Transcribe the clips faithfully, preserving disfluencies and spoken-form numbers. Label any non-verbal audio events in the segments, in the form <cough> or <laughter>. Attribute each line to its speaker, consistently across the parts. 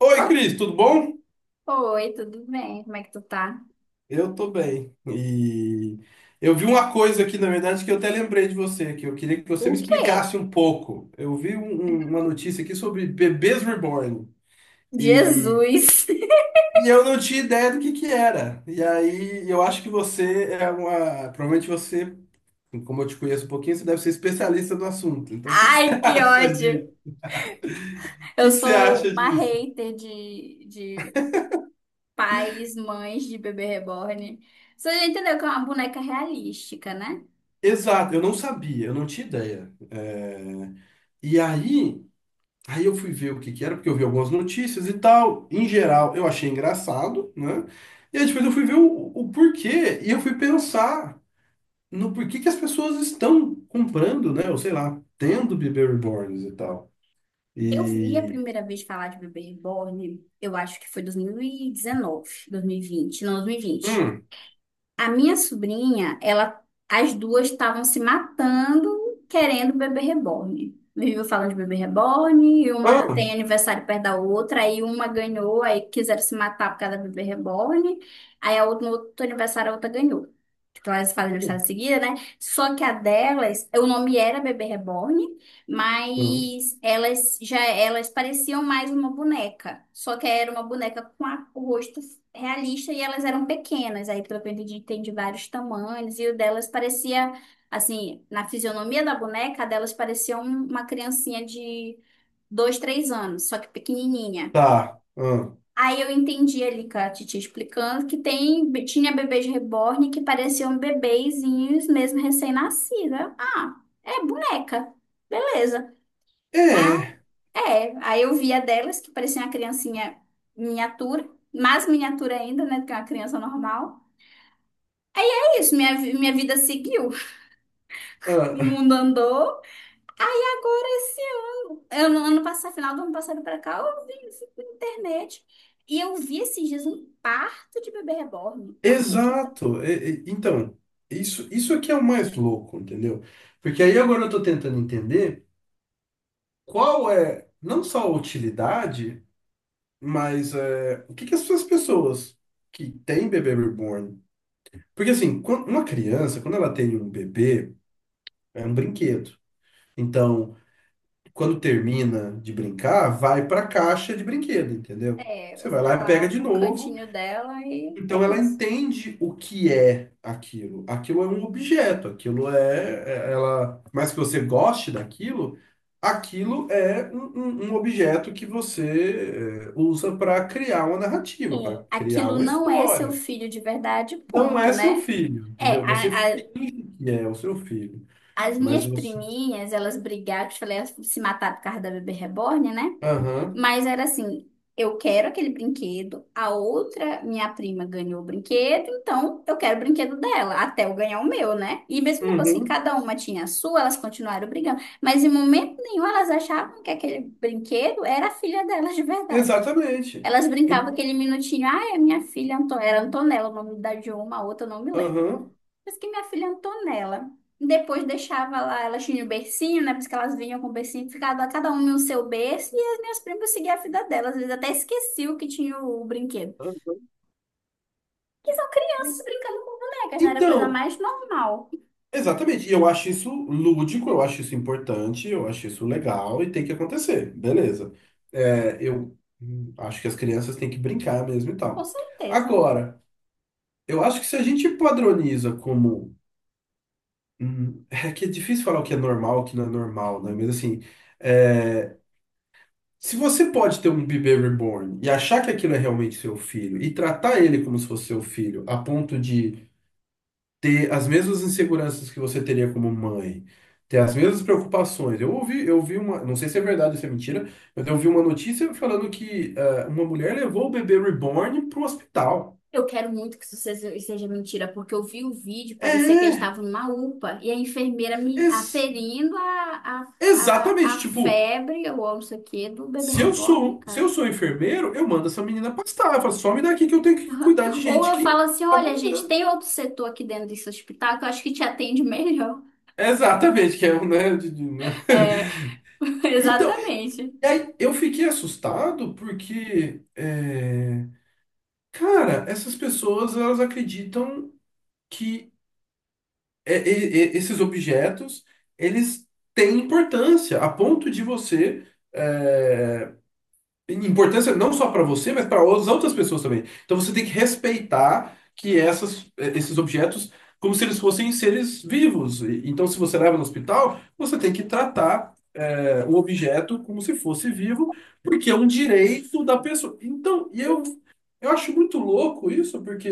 Speaker 1: Oi, Cris, tudo bom?
Speaker 2: Oi, tudo bem? Como é que tu tá?
Speaker 1: Eu tô bem. E eu vi uma coisa aqui, na verdade, que eu até lembrei de você, que eu queria que
Speaker 2: O
Speaker 1: você me
Speaker 2: quê?
Speaker 1: explicasse um pouco. Eu vi um- um- uma notícia aqui sobre bebês reborn e,
Speaker 2: Jesus!
Speaker 1: e eu não tinha ideia do que que era. E aí eu acho que você é uma. Provavelmente você, como eu te conheço um pouquinho, você deve ser especialista no assunto.
Speaker 2: <laughs>
Speaker 1: Então, o que que <laughs> você
Speaker 2: Ai, que
Speaker 1: acha
Speaker 2: ódio!
Speaker 1: de, o
Speaker 2: Eu
Speaker 1: que que você
Speaker 2: sou
Speaker 1: acha
Speaker 2: uma
Speaker 1: disso?
Speaker 2: hater de, de pais, mães de bebê reborn. Você já entendeu que é uma boneca realística, né?
Speaker 1: Exato, eu não sabia, eu não tinha ideia. E aí. Aí eu fui ver o que que era, porque eu vi algumas notícias e tal. Em geral, eu achei engraçado, né? E aí depois eu fui ver o, o porquê e eu fui pensar no porquê que as pessoas estão comprando, né? Ou sei lá, tendo bebê reborns e tal.
Speaker 2: Eu vi a
Speaker 1: E.
Speaker 2: primeira vez falar de bebê reborn, eu acho que foi dois dois mil mil e dezenove, dois mil e vinte, não, dois mil e vinte.
Speaker 1: Hum.
Speaker 2: A minha sobrinha, ela, as duas estavam se matando querendo bebê reborn. Viviam falando de bebê reborn, e uma
Speaker 1: Ah,
Speaker 2: tem aniversário perto da outra, aí uma ganhou, aí quiseram se matar por causa da bebê reborn, aí a outra, no outro aniversário a outra ganhou. Então elas fazem aniversário
Speaker 1: hum,
Speaker 2: em seguida, né? Só que a delas, o nome era bebê reborn,
Speaker 1: hum,
Speaker 2: mas elas já elas pareciam mais uma boneca, só que era uma boneca com a- o rosto realista e elas eram pequenas. Aí, pelo que eu entendi, tem de vários tamanhos. E o delas parecia, assim, na fisionomia da boneca, a delas parecia um- uma criancinha de dois, três anos, só que pequenininha.
Speaker 1: tá. Ah,
Speaker 2: Aí eu entendi ali com a Titi explicando que tem, tinha bebês reborn que pareciam bebezinhos mesmo recém-nascida. Ah, é boneca. Beleza. Ah,
Speaker 1: é.
Speaker 2: é. Aí eu via delas que parecia uma criancinha miniatura, mais miniatura ainda, né, do que uma criança normal. Isso, minha, vi- minha vida seguiu, o
Speaker 1: Ah,
Speaker 2: mundo andou. Aí agora esse ano, ano, ano passado, final do ano passado pra cá, eu vi, fui na internet e eu vi esses dias um parto de bebê reborn. Tu acredita?
Speaker 1: exato. E- e- então, isso, isso aqui é o mais louco, entendeu? Porque aí agora eu tô tentando entender qual é não só a utilidade. Mas é, o que que essas pessoas que têm bebê reborn? Porque assim, quan- uma criança, quando ela tem um bebê, é um brinquedo. Então, quando termina de brincar, vai para a caixa de brinquedo, entendeu?
Speaker 2: É, eu
Speaker 1: Você
Speaker 2: vou
Speaker 1: vai lá
Speaker 2: ficar
Speaker 1: e pega
Speaker 2: lá
Speaker 1: de
Speaker 2: no
Speaker 1: novo.
Speaker 2: cantinho dela e é
Speaker 1: Então ela
Speaker 2: isso.
Speaker 1: entende o que é aquilo. Aquilo é um objeto, aquilo é, é- ela, mais que você goste daquilo, aquilo é um, um- um objeto que você é, usa para criar uma
Speaker 2: É,
Speaker 1: narrativa, para criar
Speaker 2: aquilo
Speaker 1: uma
Speaker 2: não é seu
Speaker 1: história.
Speaker 2: filho de verdade,
Speaker 1: Não
Speaker 2: ponto,
Speaker 1: é seu
Speaker 2: né?
Speaker 1: filho,
Speaker 2: É,
Speaker 1: entendeu? Você
Speaker 2: a,
Speaker 1: finge que é o seu filho,
Speaker 2: as
Speaker 1: mas
Speaker 2: minhas
Speaker 1: você.
Speaker 2: priminhas, elas brigaram, que eu te falei, elas se mataram por causa da bebê reborn, né?
Speaker 1: Aham.
Speaker 2: Mas era assim, eu quero aquele brinquedo, a outra minha prima ganhou o brinquedo, então eu quero o brinquedo dela, até eu ganhar o meu, né? E mesmo depois que
Speaker 1: Uhum.
Speaker 2: cada uma tinha a sua, elas continuaram brigando. Mas em momento nenhum elas achavam que aquele brinquedo era a filha delas de verdade.
Speaker 1: Exatamente.
Speaker 2: Elas brincavam
Speaker 1: E-
Speaker 2: aquele minutinho, ah, é minha filha, Anto- era Antonella, o nome da de uma, a outra eu não me lembro.
Speaker 1: Aham.
Speaker 2: Diz que minha filha Antonella. Depois deixava lá, elas tinham o bercinho, né? Porque elas vinham com o bercinho, ficava cada uma no seu berço, e as minhas primas seguiam a vida delas. Às vezes até esqueciam que tinha o brinquedo.
Speaker 1: Aham.
Speaker 2: Que são crianças brincando com bonecas, né? Era a coisa
Speaker 1: Então,
Speaker 2: mais normal.
Speaker 1: exatamente, e eu acho isso lúdico, eu acho isso importante, eu acho isso legal e tem que acontecer, beleza. É, eu hum, acho que as crianças têm que brincar mesmo e
Speaker 2: Com
Speaker 1: tal.
Speaker 2: certeza.
Speaker 1: Agora, eu acho que se a gente padroniza como. hum, <laughs> é que é difícil falar o que é normal, o que não é normal, né? Mas assim, é, se você pode ter um bebê reborn e achar que aquilo é realmente seu filho e tratar ele como se fosse seu filho, a ponto de ter as mesmas inseguranças que você teria como mãe, ter as mesmas preocupações. Eu ouvi, eu vi uma, não sei se é verdade ou se é mentira, mas eu ouvi uma notícia falando que ah, uma mulher levou o bebê reborn pro hospital.
Speaker 2: Eu quero muito que isso seja seja mentira, porque eu vi o vídeo, parecia que eles
Speaker 1: É,
Speaker 2: estavam numa UPA e a enfermeira me
Speaker 1: ex-
Speaker 2: aferindo a, a, a, a
Speaker 1: exatamente, tipo,
Speaker 2: febre ou não sei o quê do bebê
Speaker 1: se eu
Speaker 2: reborn,
Speaker 1: sou, se eu
Speaker 2: cara.
Speaker 1: sou enfermeiro, eu mando essa menina pastar, eu falo, some daqui que eu tenho que
Speaker 2: Aham.
Speaker 1: cuidar de
Speaker 2: Ou
Speaker 1: gente
Speaker 2: eu falo
Speaker 1: que
Speaker 2: assim,
Speaker 1: tá
Speaker 2: olha, gente,
Speaker 1: morrendo.
Speaker 2: tem outro setor aqui dentro desse hospital que eu acho que te atende melhor.
Speaker 1: Exatamente, que é, um, né, de- de- né?
Speaker 2: É,
Speaker 1: <laughs>
Speaker 2: <laughs>
Speaker 1: Então,
Speaker 2: exatamente.
Speaker 1: e aí eu fiquei assustado porque eh, cara, essas pessoas elas acreditam que é- é- é- esses objetos eles têm importância a ponto de você é, importância não só para você, mas para as outras pessoas também. Então você tem que respeitar que essas, é, esses objetos como se eles fossem seres vivos. E- Então se você leva no hospital, você tem que tratar é, o objeto como se fosse vivo, porque é um direito da pessoa. Então, e eu eu acho muito louco isso, porque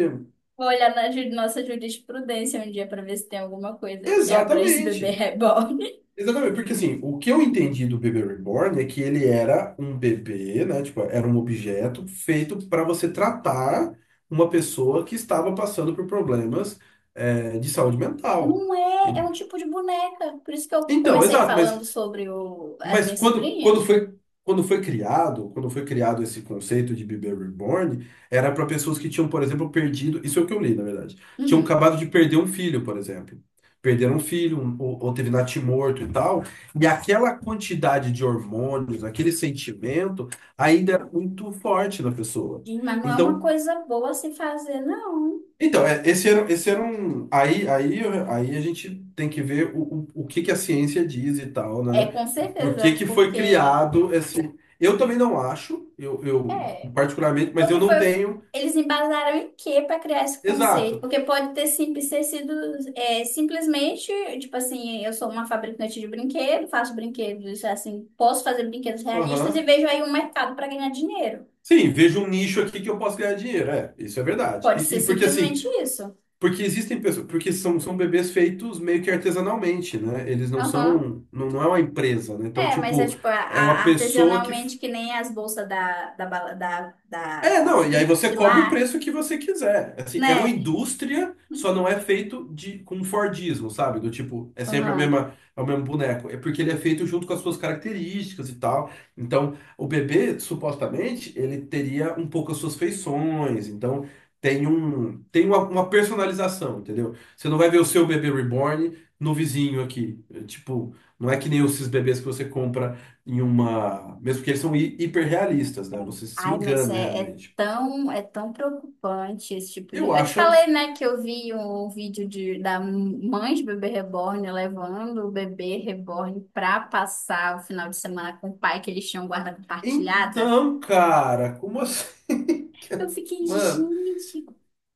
Speaker 2: Vou olhar na ju- nossa jurisprudência um dia para ver se tem alguma coisa que abrange <laughs> esse bebê
Speaker 1: exatamente.
Speaker 2: reborn.
Speaker 1: Exatamente, porque assim, o que eu entendi do bebê reborn é que ele era um bebê, né? Tipo, era um objeto feito para você tratar uma pessoa que estava passando por problemas, eh, de saúde mental.
Speaker 2: Não é, é
Speaker 1: En-
Speaker 2: um tipo de boneca. Por isso que eu
Speaker 1: Então,
Speaker 2: comecei
Speaker 1: exato, mas
Speaker 2: falando sobre o, as
Speaker 1: Mas
Speaker 2: minhas
Speaker 1: quando, quando
Speaker 2: sobrinhas.
Speaker 1: foi, quando foi criado, quando foi criado esse conceito de bebê reborn, era para pessoas que tinham, por exemplo, perdido, isso é o que eu li, na verdade, tinham
Speaker 2: Uhum.
Speaker 1: acabado de perder um filho, por exemplo. Perderam um filho, um- ou, ou teve natimorto e tal, e aquela quantidade de hormônios, aquele sentimento, ainda era muito forte na pessoa.
Speaker 2: E- Mas não é uma
Speaker 1: Então,
Speaker 2: coisa boa se fazer, não.
Speaker 1: então, é, esse era, esse era um. Aí, aí, aí a gente tem que ver o, o, o que que a ciência diz e tal,
Speaker 2: É,
Speaker 1: né?
Speaker 2: com
Speaker 1: Por que
Speaker 2: certeza,
Speaker 1: que foi
Speaker 2: porque
Speaker 1: criado esse. Eu também não acho, eu, eu
Speaker 2: é.
Speaker 1: particularmente, mas eu
Speaker 2: Porque
Speaker 1: não
Speaker 2: foi, foi-
Speaker 1: tenho.
Speaker 2: eles embasaram em quê para criar esse conceito?
Speaker 1: Exato.
Speaker 2: Porque pode ter, sim, ter sido é, simplesmente, tipo assim, eu sou uma fabricante de brinquedos, faço brinquedos, assim, posso fazer brinquedos realistas e
Speaker 1: Aham.
Speaker 2: vejo aí um mercado para ganhar dinheiro.
Speaker 1: Sim, vejo um nicho aqui que eu posso ganhar dinheiro. É, isso é verdade.
Speaker 2: Pode
Speaker 1: E,
Speaker 2: ser
Speaker 1: e porque
Speaker 2: simplesmente
Speaker 1: assim,
Speaker 2: isso.
Speaker 1: porque existem pessoas, porque são, são bebês feitos meio que artesanalmente, né? Eles não
Speaker 2: Aham.
Speaker 1: são, não, não é uma empresa, né? Então,
Speaker 2: É, mas é
Speaker 1: tipo,
Speaker 2: tipo, a,
Speaker 1: é uma
Speaker 2: a-
Speaker 1: pessoa que
Speaker 2: artesanalmente que nem as bolsas da, da, bala- da, da,
Speaker 1: é,
Speaker 2: da,
Speaker 1: não, e aí você
Speaker 2: de
Speaker 1: cobra o
Speaker 2: lá,
Speaker 1: preço que você quiser. Assim, é uma
Speaker 2: né?
Speaker 1: indústria, só não é feito de com Fordismo, sabe? Do tipo, é sempre a
Speaker 2: Aham.
Speaker 1: mesma, é o mesmo boneco. É porque ele é feito junto com as suas características e tal. Então, o bebê, supostamente, ele teria um pouco as suas feições. Então, tem um, tem uma, uma personalização, entendeu? Você não vai ver o seu bebê reborn no vizinho aqui. É, tipo, não é que nem esses bebês que você compra em uma. Mesmo que eles são hi- hiperrealistas, né? Você se
Speaker 2: Ai, mas
Speaker 1: engana
Speaker 2: é, é
Speaker 1: realmente.
Speaker 2: tão, é tão preocupante esse tipo de.
Speaker 1: Eu
Speaker 2: Eu te
Speaker 1: acho
Speaker 2: falei,
Speaker 1: absurdo.
Speaker 2: né, que eu vi um um vídeo de, da mãe de bebê reborn levando o bebê reborn pra passar o final de semana com o pai, que eles tinham guarda compartilhada.
Speaker 1: Então, cara, como assim? <laughs>
Speaker 2: Eu fiquei,
Speaker 1: Mano.
Speaker 2: gente,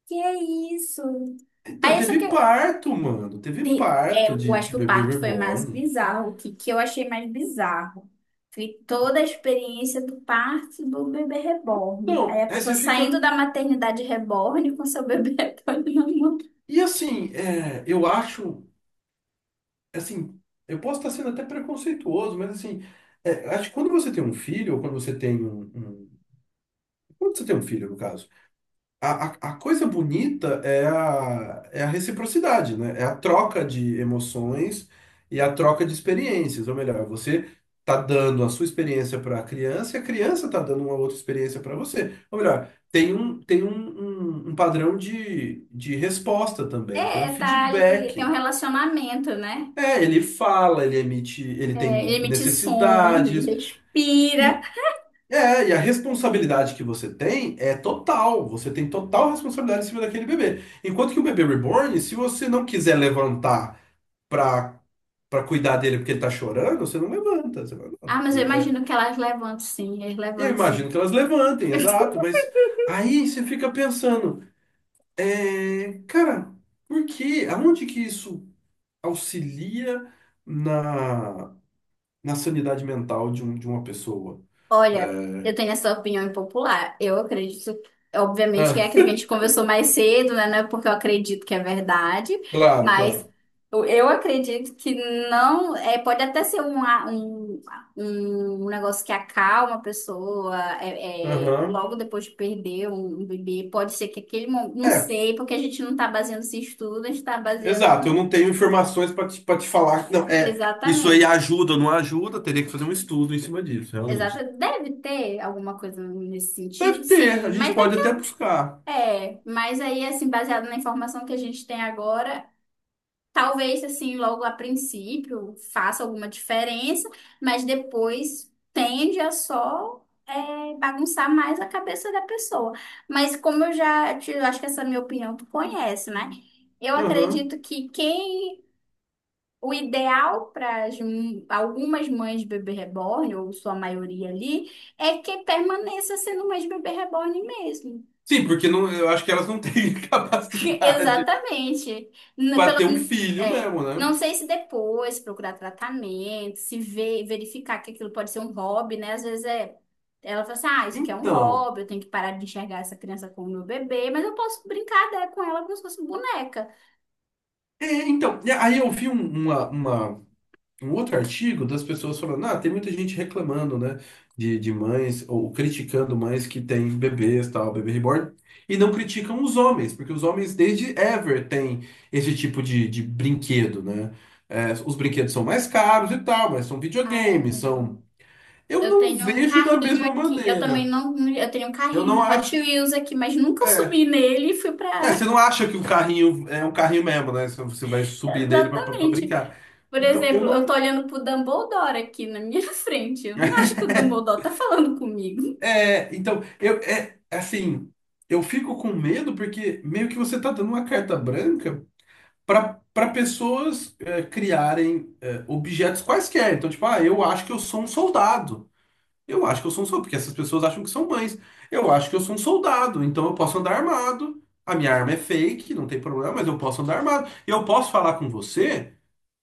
Speaker 2: que é isso?
Speaker 1: Então,
Speaker 2: Aí só que
Speaker 1: teve parto, mano. Teve
Speaker 2: É,
Speaker 1: parto
Speaker 2: eu
Speaker 1: de,
Speaker 2: acho
Speaker 1: de
Speaker 2: que o
Speaker 1: bebê
Speaker 2: parto foi mais
Speaker 1: reborn.
Speaker 2: bizarro. O que, que eu achei mais bizarro? Foi toda a experiência do parto do bebê reborn. Aí
Speaker 1: Então,
Speaker 2: a
Speaker 1: aí
Speaker 2: pessoa
Speaker 1: você
Speaker 2: saindo
Speaker 1: fica.
Speaker 2: da maternidade reborn com seu bebê <laughs> reborn na mão.
Speaker 1: E assim, é, eu acho. Assim, eu posso estar sendo até preconceituoso, mas assim. É, acho que quando você tem um filho, ou quando você tem um. um- quando você tem um filho, no caso. A, a, a coisa bonita é a, é a reciprocidade, né? É a troca de emoções e a troca de experiências. Ou melhor, você tá dando a sua experiência para a criança e a criança tá dando uma outra experiência para você. Ou melhor, tem um, tem um, um, um padrão de, de resposta também, tem um
Speaker 2: É, tá ali, tem um
Speaker 1: feedback.
Speaker 2: relacionamento, né?
Speaker 1: É, ele fala, ele emite, ele tem
Speaker 2: É, ele emite sons, ele
Speaker 1: necessidades.
Speaker 2: respira.
Speaker 1: E, é, e a responsabilidade que você tem é total. Você tem total responsabilidade em cima daquele bebê. Enquanto que o bebê reborn, se você não quiser levantar pra, pra cuidar dele porque ele tá chorando, você não levanta. Você fala,
Speaker 2: Ah, mas eu
Speaker 1: "Não, é."
Speaker 2: imagino que elas levantam sim, eles
Speaker 1: Eu
Speaker 2: levantam
Speaker 1: imagino
Speaker 2: sim.
Speaker 1: que elas levantem,
Speaker 2: <laughs>
Speaker 1: exato, mas aí você fica pensando, é, cara, por quê? Aonde que isso auxilia na, na sanidade mental de, um, de uma pessoa?
Speaker 2: Olha,
Speaker 1: É,
Speaker 2: eu tenho essa opinião impopular. Eu acredito, obviamente, que
Speaker 1: ah,
Speaker 2: é aquilo que a gente conversou mais cedo, né? Não é porque eu acredito que é verdade,
Speaker 1: claro,
Speaker 2: mas
Speaker 1: claro.
Speaker 2: eu eu acredito que não. É, pode até ser um, a- um, um negócio que acalma a pessoa é, é,
Speaker 1: Aham.
Speaker 2: logo depois de perder um, um bebê. Pode ser que aquele momento. Não
Speaker 1: É,
Speaker 2: sei, porque a gente não está baseando esse estudo, a gente está
Speaker 1: exato, eu não
Speaker 2: baseando.
Speaker 1: tenho informações para te, para te falar que não é isso aí
Speaker 2: Exatamente.
Speaker 1: ajuda ou não ajuda, teria que fazer um estudo em cima disso, realmente.
Speaker 2: Exato, deve ter alguma coisa nesse
Speaker 1: Deve
Speaker 2: sentido,
Speaker 1: ter, a
Speaker 2: sim,
Speaker 1: gente
Speaker 2: mas
Speaker 1: pode até buscar.
Speaker 2: é, mas aí, assim, baseado na informação que a gente tem agora, talvez, assim, logo a princípio faça alguma diferença, mas depois tende a só é, bagunçar mais a cabeça da pessoa. Mas como eu já te, eu acho que essa é a minha opinião, tu conhece, né? Eu
Speaker 1: Uhum.
Speaker 2: acredito que quem, o ideal para algumas mães de bebê reborn, ou sua maioria ali, é que permaneça sendo mãe de bebê reborn mesmo.
Speaker 1: Sim, porque não, eu acho que elas não têm <laughs>
Speaker 2: <laughs>
Speaker 1: capacidade
Speaker 2: Exatamente. N-
Speaker 1: para ter um
Speaker 2: Pelo,
Speaker 1: filho
Speaker 2: é,
Speaker 1: mesmo,
Speaker 2: não
Speaker 1: né?
Speaker 2: sei se depois procurar tratamento, se ver, verificar que aquilo pode ser um hobby, né? Às vezes é, ela fala assim, ah, isso aqui é um
Speaker 1: Então,
Speaker 2: hobby, eu tenho que parar de enxergar essa criança como meu bebê, mas eu posso brincar dela, com ela como se fosse boneca.
Speaker 1: é, então, e aí eu vi um- uma, uma, um outro artigo das pessoas falando, ah, tem muita gente reclamando, né, de, de mães, ou criticando mães que têm bebês, tal, bebê reborn, e não criticam os homens, porque os homens desde ever têm esse tipo de, de brinquedo, né? É, os brinquedos são mais caros e tal, mas são
Speaker 2: Ai,
Speaker 1: videogames,
Speaker 2: amigo.
Speaker 1: são... Eu
Speaker 2: Eu
Speaker 1: não
Speaker 2: tenho um
Speaker 1: vejo da
Speaker 2: carrinho
Speaker 1: mesma
Speaker 2: aqui, eu também
Speaker 1: maneira.
Speaker 2: não, eu tenho um
Speaker 1: Eu
Speaker 2: carrinho
Speaker 1: não
Speaker 2: de Hot
Speaker 1: acho...
Speaker 2: Wheels aqui, mas nunca
Speaker 1: É,
Speaker 2: subi nele e fui
Speaker 1: é, você
Speaker 2: pra...
Speaker 1: não acha que o carrinho é um carrinho mesmo, né? Você você vai
Speaker 2: <laughs>
Speaker 1: subir nele pra pra- pra
Speaker 2: Exatamente.
Speaker 1: brincar.
Speaker 2: Por
Speaker 1: Então, eu
Speaker 2: exemplo, eu tô
Speaker 1: não.
Speaker 2: olhando pro Dumbledore aqui na minha <laughs> frente. Eu não acho que o Dumbledore tá falando comigo.
Speaker 1: É, então, eu, é, assim, eu fico com medo porque meio que você tá dando uma carta branca para para pessoas é, criarem é, objetos quaisquer. Então, tipo, ah, eu acho que eu sou um soldado. Eu acho que eu sou um soldado, porque essas pessoas acham que são mães. Eu acho que eu sou um soldado, então eu posso andar armado. A minha arma é fake, não tem problema, mas eu posso andar armado. E eu posso falar com você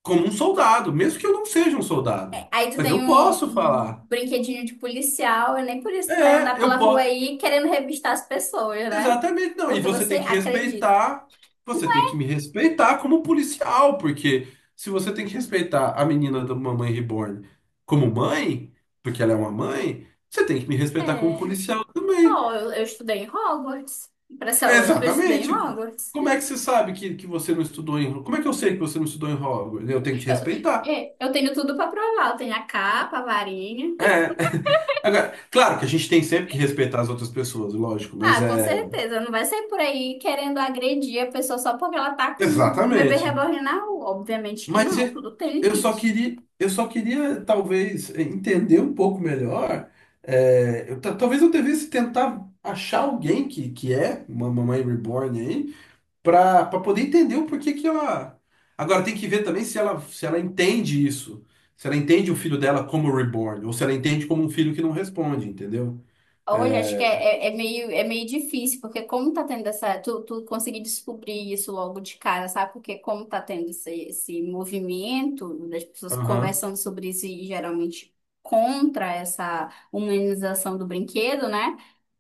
Speaker 1: como um soldado, mesmo que eu não seja um soldado.
Speaker 2: É, aí tu
Speaker 1: Mas
Speaker 2: tem
Speaker 1: eu
Speaker 2: um,
Speaker 1: posso
Speaker 2: um
Speaker 1: falar.
Speaker 2: brinquedinho de policial, e nem por isso tu vai
Speaker 1: É,
Speaker 2: andar
Speaker 1: eu
Speaker 2: pela rua
Speaker 1: posso.
Speaker 2: aí querendo revistar as pessoas, né?
Speaker 1: Exatamente, não. E
Speaker 2: Porque
Speaker 1: você
Speaker 2: você
Speaker 1: tem que
Speaker 2: acredita.
Speaker 1: respeitar, você tem que me respeitar como policial, porque se você tem que respeitar a menina da Mamãe Reborn como mãe, porque ela é uma mãe, você tem que me respeitar como
Speaker 2: É.
Speaker 1: policial também.
Speaker 2: Ó, eu, eu estudei em Hogwarts. Pra ser lógico, eu estudei em
Speaker 1: Exatamente.
Speaker 2: Hogwarts.
Speaker 1: Como é que você sabe que, que você não estudou em... Como é que eu sei que você não estudou em Hogwarts? Eu tenho que te
Speaker 2: Eu,
Speaker 1: respeitar.
Speaker 2: é, eu tenho tudo pra provar. Eu tenho a capa, a varinha.
Speaker 1: É. <laughs> Agora, claro que a gente tem sempre que respeitar as outras pessoas, lógico,
Speaker 2: Ah,
Speaker 1: mas
Speaker 2: com
Speaker 1: é...
Speaker 2: certeza. Não vai sair por aí querendo agredir a pessoa só porque ela tá com um bebê
Speaker 1: Exatamente.
Speaker 2: reborn na rua. Obviamente que
Speaker 1: Mas
Speaker 2: não,
Speaker 1: e-
Speaker 2: tudo tem
Speaker 1: eu só
Speaker 2: limite.
Speaker 1: queria, eu só queria talvez entender um pouco melhor. É, eu ta- talvez eu devesse tentar achar alguém que, que é uma mamãe reborn aí, para poder entender o porquê que ela. Agora tem que ver também se ela, se ela entende isso. Se ela entende o filho dela como reborn, ou se ela entende como um filho que não responde, entendeu?
Speaker 2: Olha, acho que é, é, é meio, é meio difícil, porque como tá tendo essa. Tu, tu conseguir descobrir isso logo de cara, sabe? Porque como tá tendo esse, esse movimento das pessoas
Speaker 1: Aham.
Speaker 2: conversando sobre isso e geralmente contra essa humanização do brinquedo, né?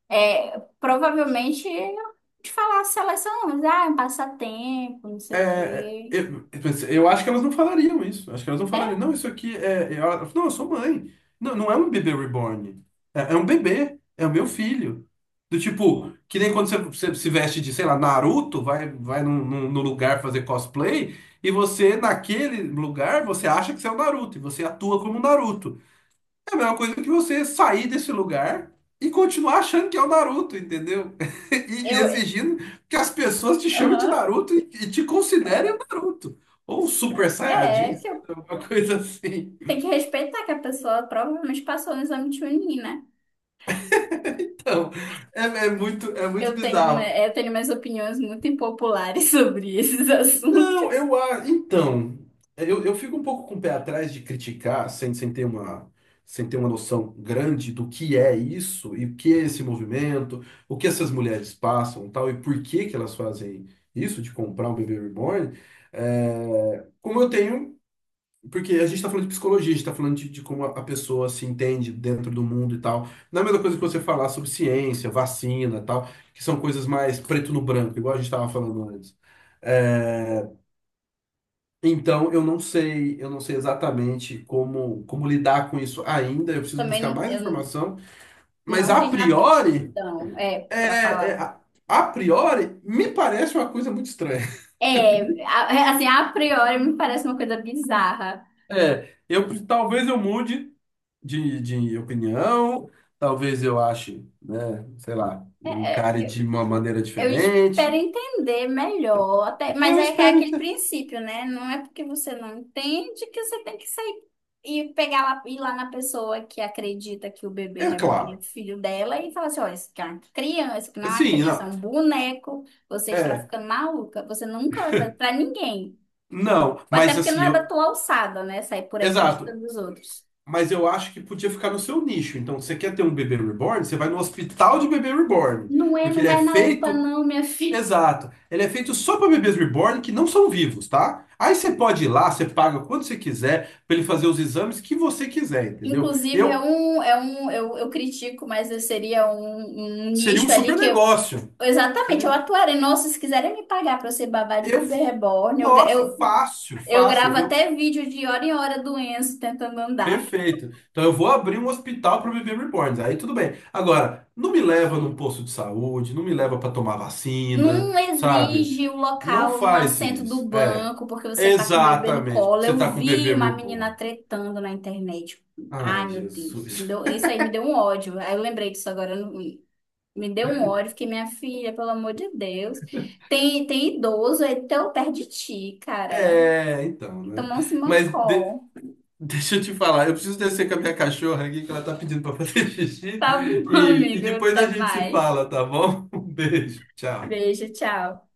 Speaker 2: É, provavelmente de falar a seleção, ah, é um passatempo, não
Speaker 1: É,
Speaker 2: sei o
Speaker 1: é,
Speaker 2: quê.
Speaker 1: eu, eu pensei- eu acho que elas não falariam isso. Acho que elas não
Speaker 2: É,
Speaker 1: falariam. Não, isso aqui é. é- ela- não, eu sou mãe. Não, não é um bebê reborn. É, é um bebê. É o meu filho. Do tipo, que nem quando você, você se veste de, sei lá, Naruto, vai, vai num, num- num lugar fazer cosplay, e você, naquele lugar, você acha que você é o Naruto, e você atua como Naruto. É a mesma coisa que você sair desse lugar e continuar achando que é o Naruto, entendeu? <laughs> E, e
Speaker 2: eu, é,
Speaker 1: exigindo que as pessoas te chamem de
Speaker 2: aham,
Speaker 1: Naruto e, e te considerem o Naruto. Ou um Super
Speaker 2: é,
Speaker 1: Saiyajin,
Speaker 2: é que
Speaker 1: sei
Speaker 2: eu
Speaker 1: lá, alguma coisa assim.
Speaker 2: tenho que respeitar que a pessoa provavelmente passou no exame de Chunin, né?
Speaker 1: Então, é, é muito, é muito
Speaker 2: Eu tenho, uma,
Speaker 1: bizarro.
Speaker 2: eu tenho minhas opiniões muito impopulares <laughs> sobre esses
Speaker 1: Não,
Speaker 2: assuntos.
Speaker 1: eu acho. Então, eu, eu fico um pouco com o pé atrás de criticar, sem, sem ter uma, sem ter uma noção grande do que é isso e o que é esse movimento, o que essas mulheres passam, tal, e por que que elas fazem isso de comprar um bebê reborn. É, como eu tenho. Porque a gente está falando de psicologia, a gente está falando de, de como a a pessoa se entende dentro do mundo e tal. Não é a mesma coisa que você falar sobre ciência, vacina e tal, que são coisas mais preto no branco, igual a gente estava falando antes. Eh, então, eu não sei, eu não sei exatamente como, como lidar com isso ainda. Eu preciso
Speaker 2: Também
Speaker 1: buscar
Speaker 2: não,
Speaker 1: mais
Speaker 2: eu
Speaker 1: informação. Mas
Speaker 2: não
Speaker 1: a
Speaker 2: tenho
Speaker 1: priori,
Speaker 2: aptidão, é,
Speaker 1: é,
Speaker 2: para
Speaker 1: é,
Speaker 2: falar.
Speaker 1: a, a priori, me parece uma coisa muito estranha. <laughs>
Speaker 2: É, a- é, assim, a priori me parece uma coisa bizarra.
Speaker 1: É, eu talvez eu mude de, de opinião, talvez eu ache, né, sei lá, eu
Speaker 2: É,
Speaker 1: encare de uma maneira
Speaker 2: eu espero
Speaker 1: diferente.
Speaker 2: entender melhor, até, mas
Speaker 1: Eu
Speaker 2: é que é
Speaker 1: espero
Speaker 2: aquele
Speaker 1: ter.
Speaker 2: princípio, né? Não é porque você não entende que você tem que sair e pegar lá, ir lá na pessoa que acredita que o bebê
Speaker 1: É
Speaker 2: reborn é
Speaker 1: claro.
Speaker 2: filho dela e falar assim, olha, isso aqui é uma criança, isso aqui não é uma
Speaker 1: Sim,
Speaker 2: criança, é
Speaker 1: não.
Speaker 2: um boneco, você está
Speaker 1: É,
Speaker 2: ficando maluca, você nunca vai fazer pra ninguém.
Speaker 1: não,
Speaker 2: Até
Speaker 1: mas
Speaker 2: porque não
Speaker 1: assim,
Speaker 2: é da
Speaker 1: eu.
Speaker 2: tua alçada, né? Sair por aí
Speaker 1: Exato.
Speaker 2: criticando os outros.
Speaker 1: Mas eu acho que podia ficar no seu nicho. Então, se você quer ter um bebê reborn, você vai no hospital de bebê reborn.
Speaker 2: Não é,
Speaker 1: Porque
Speaker 2: não
Speaker 1: ele é
Speaker 2: vai na UPA
Speaker 1: feito.
Speaker 2: não, minha filha.
Speaker 1: Exato. Ele é feito só para bebês reborn que não são vivos, tá? Aí você pode ir lá, você paga quando você quiser, para ele fazer os exames que você quiser, entendeu?
Speaker 2: Inclusive, é
Speaker 1: Eu.
Speaker 2: um, é um, eu, eu critico, mas eu seria um, um
Speaker 1: Seria um
Speaker 2: nicho ali
Speaker 1: super
Speaker 2: que eu,
Speaker 1: negócio.
Speaker 2: exatamente, eu
Speaker 1: Seria-
Speaker 2: atuaria. Nossa, se quiserem me pagar pra eu ser babá de
Speaker 1: Eu.
Speaker 2: bebê reborn, eu, gra-
Speaker 1: Nossa,
Speaker 2: eu,
Speaker 1: fácil,
Speaker 2: eu
Speaker 1: fácil.
Speaker 2: gravo até vídeo de hora em hora do Enzo tentando andar.
Speaker 1: Perfeito. Então eu vou abrir um hospital para bebê reborns. Aí tudo bem. Agora, não me leva num posto de saúde, não me leva para tomar vacina,
Speaker 2: Não
Speaker 1: sabe?
Speaker 2: exige o
Speaker 1: Não
Speaker 2: local no
Speaker 1: faz
Speaker 2: assento do
Speaker 1: isso. É,
Speaker 2: banco, porque você tá com o bebê no
Speaker 1: exatamente, porque
Speaker 2: colo.
Speaker 1: você
Speaker 2: Eu
Speaker 1: tá com um
Speaker 2: vi
Speaker 1: bebê
Speaker 2: uma menina
Speaker 1: reborn.
Speaker 2: tretando na internet. Ai,
Speaker 1: Ai,
Speaker 2: meu Deus, me
Speaker 1: Jesus.
Speaker 2: deu- isso aí me deu um ódio. Aí eu lembrei disso agora. Me deu um ódio, fiquei, minha filha, pelo amor de Deus. Tem, tem idoso aí tão perto de ti, cara.
Speaker 1: É, então,
Speaker 2: Então
Speaker 1: né?
Speaker 2: não se
Speaker 1: Mas de-
Speaker 2: mancou.
Speaker 1: <laughs> deixa eu te falar, eu preciso descer com a minha cachorra aqui, que ela tá pedindo para fazer <laughs> xixi,
Speaker 2: Tá bom, <laughs>
Speaker 1: e, e
Speaker 2: amigo.
Speaker 1: depois a
Speaker 2: Até
Speaker 1: gente se
Speaker 2: mais.
Speaker 1: fala, tá bom? <laughs> Um beijo, tchau.
Speaker 2: Beijo, tchau.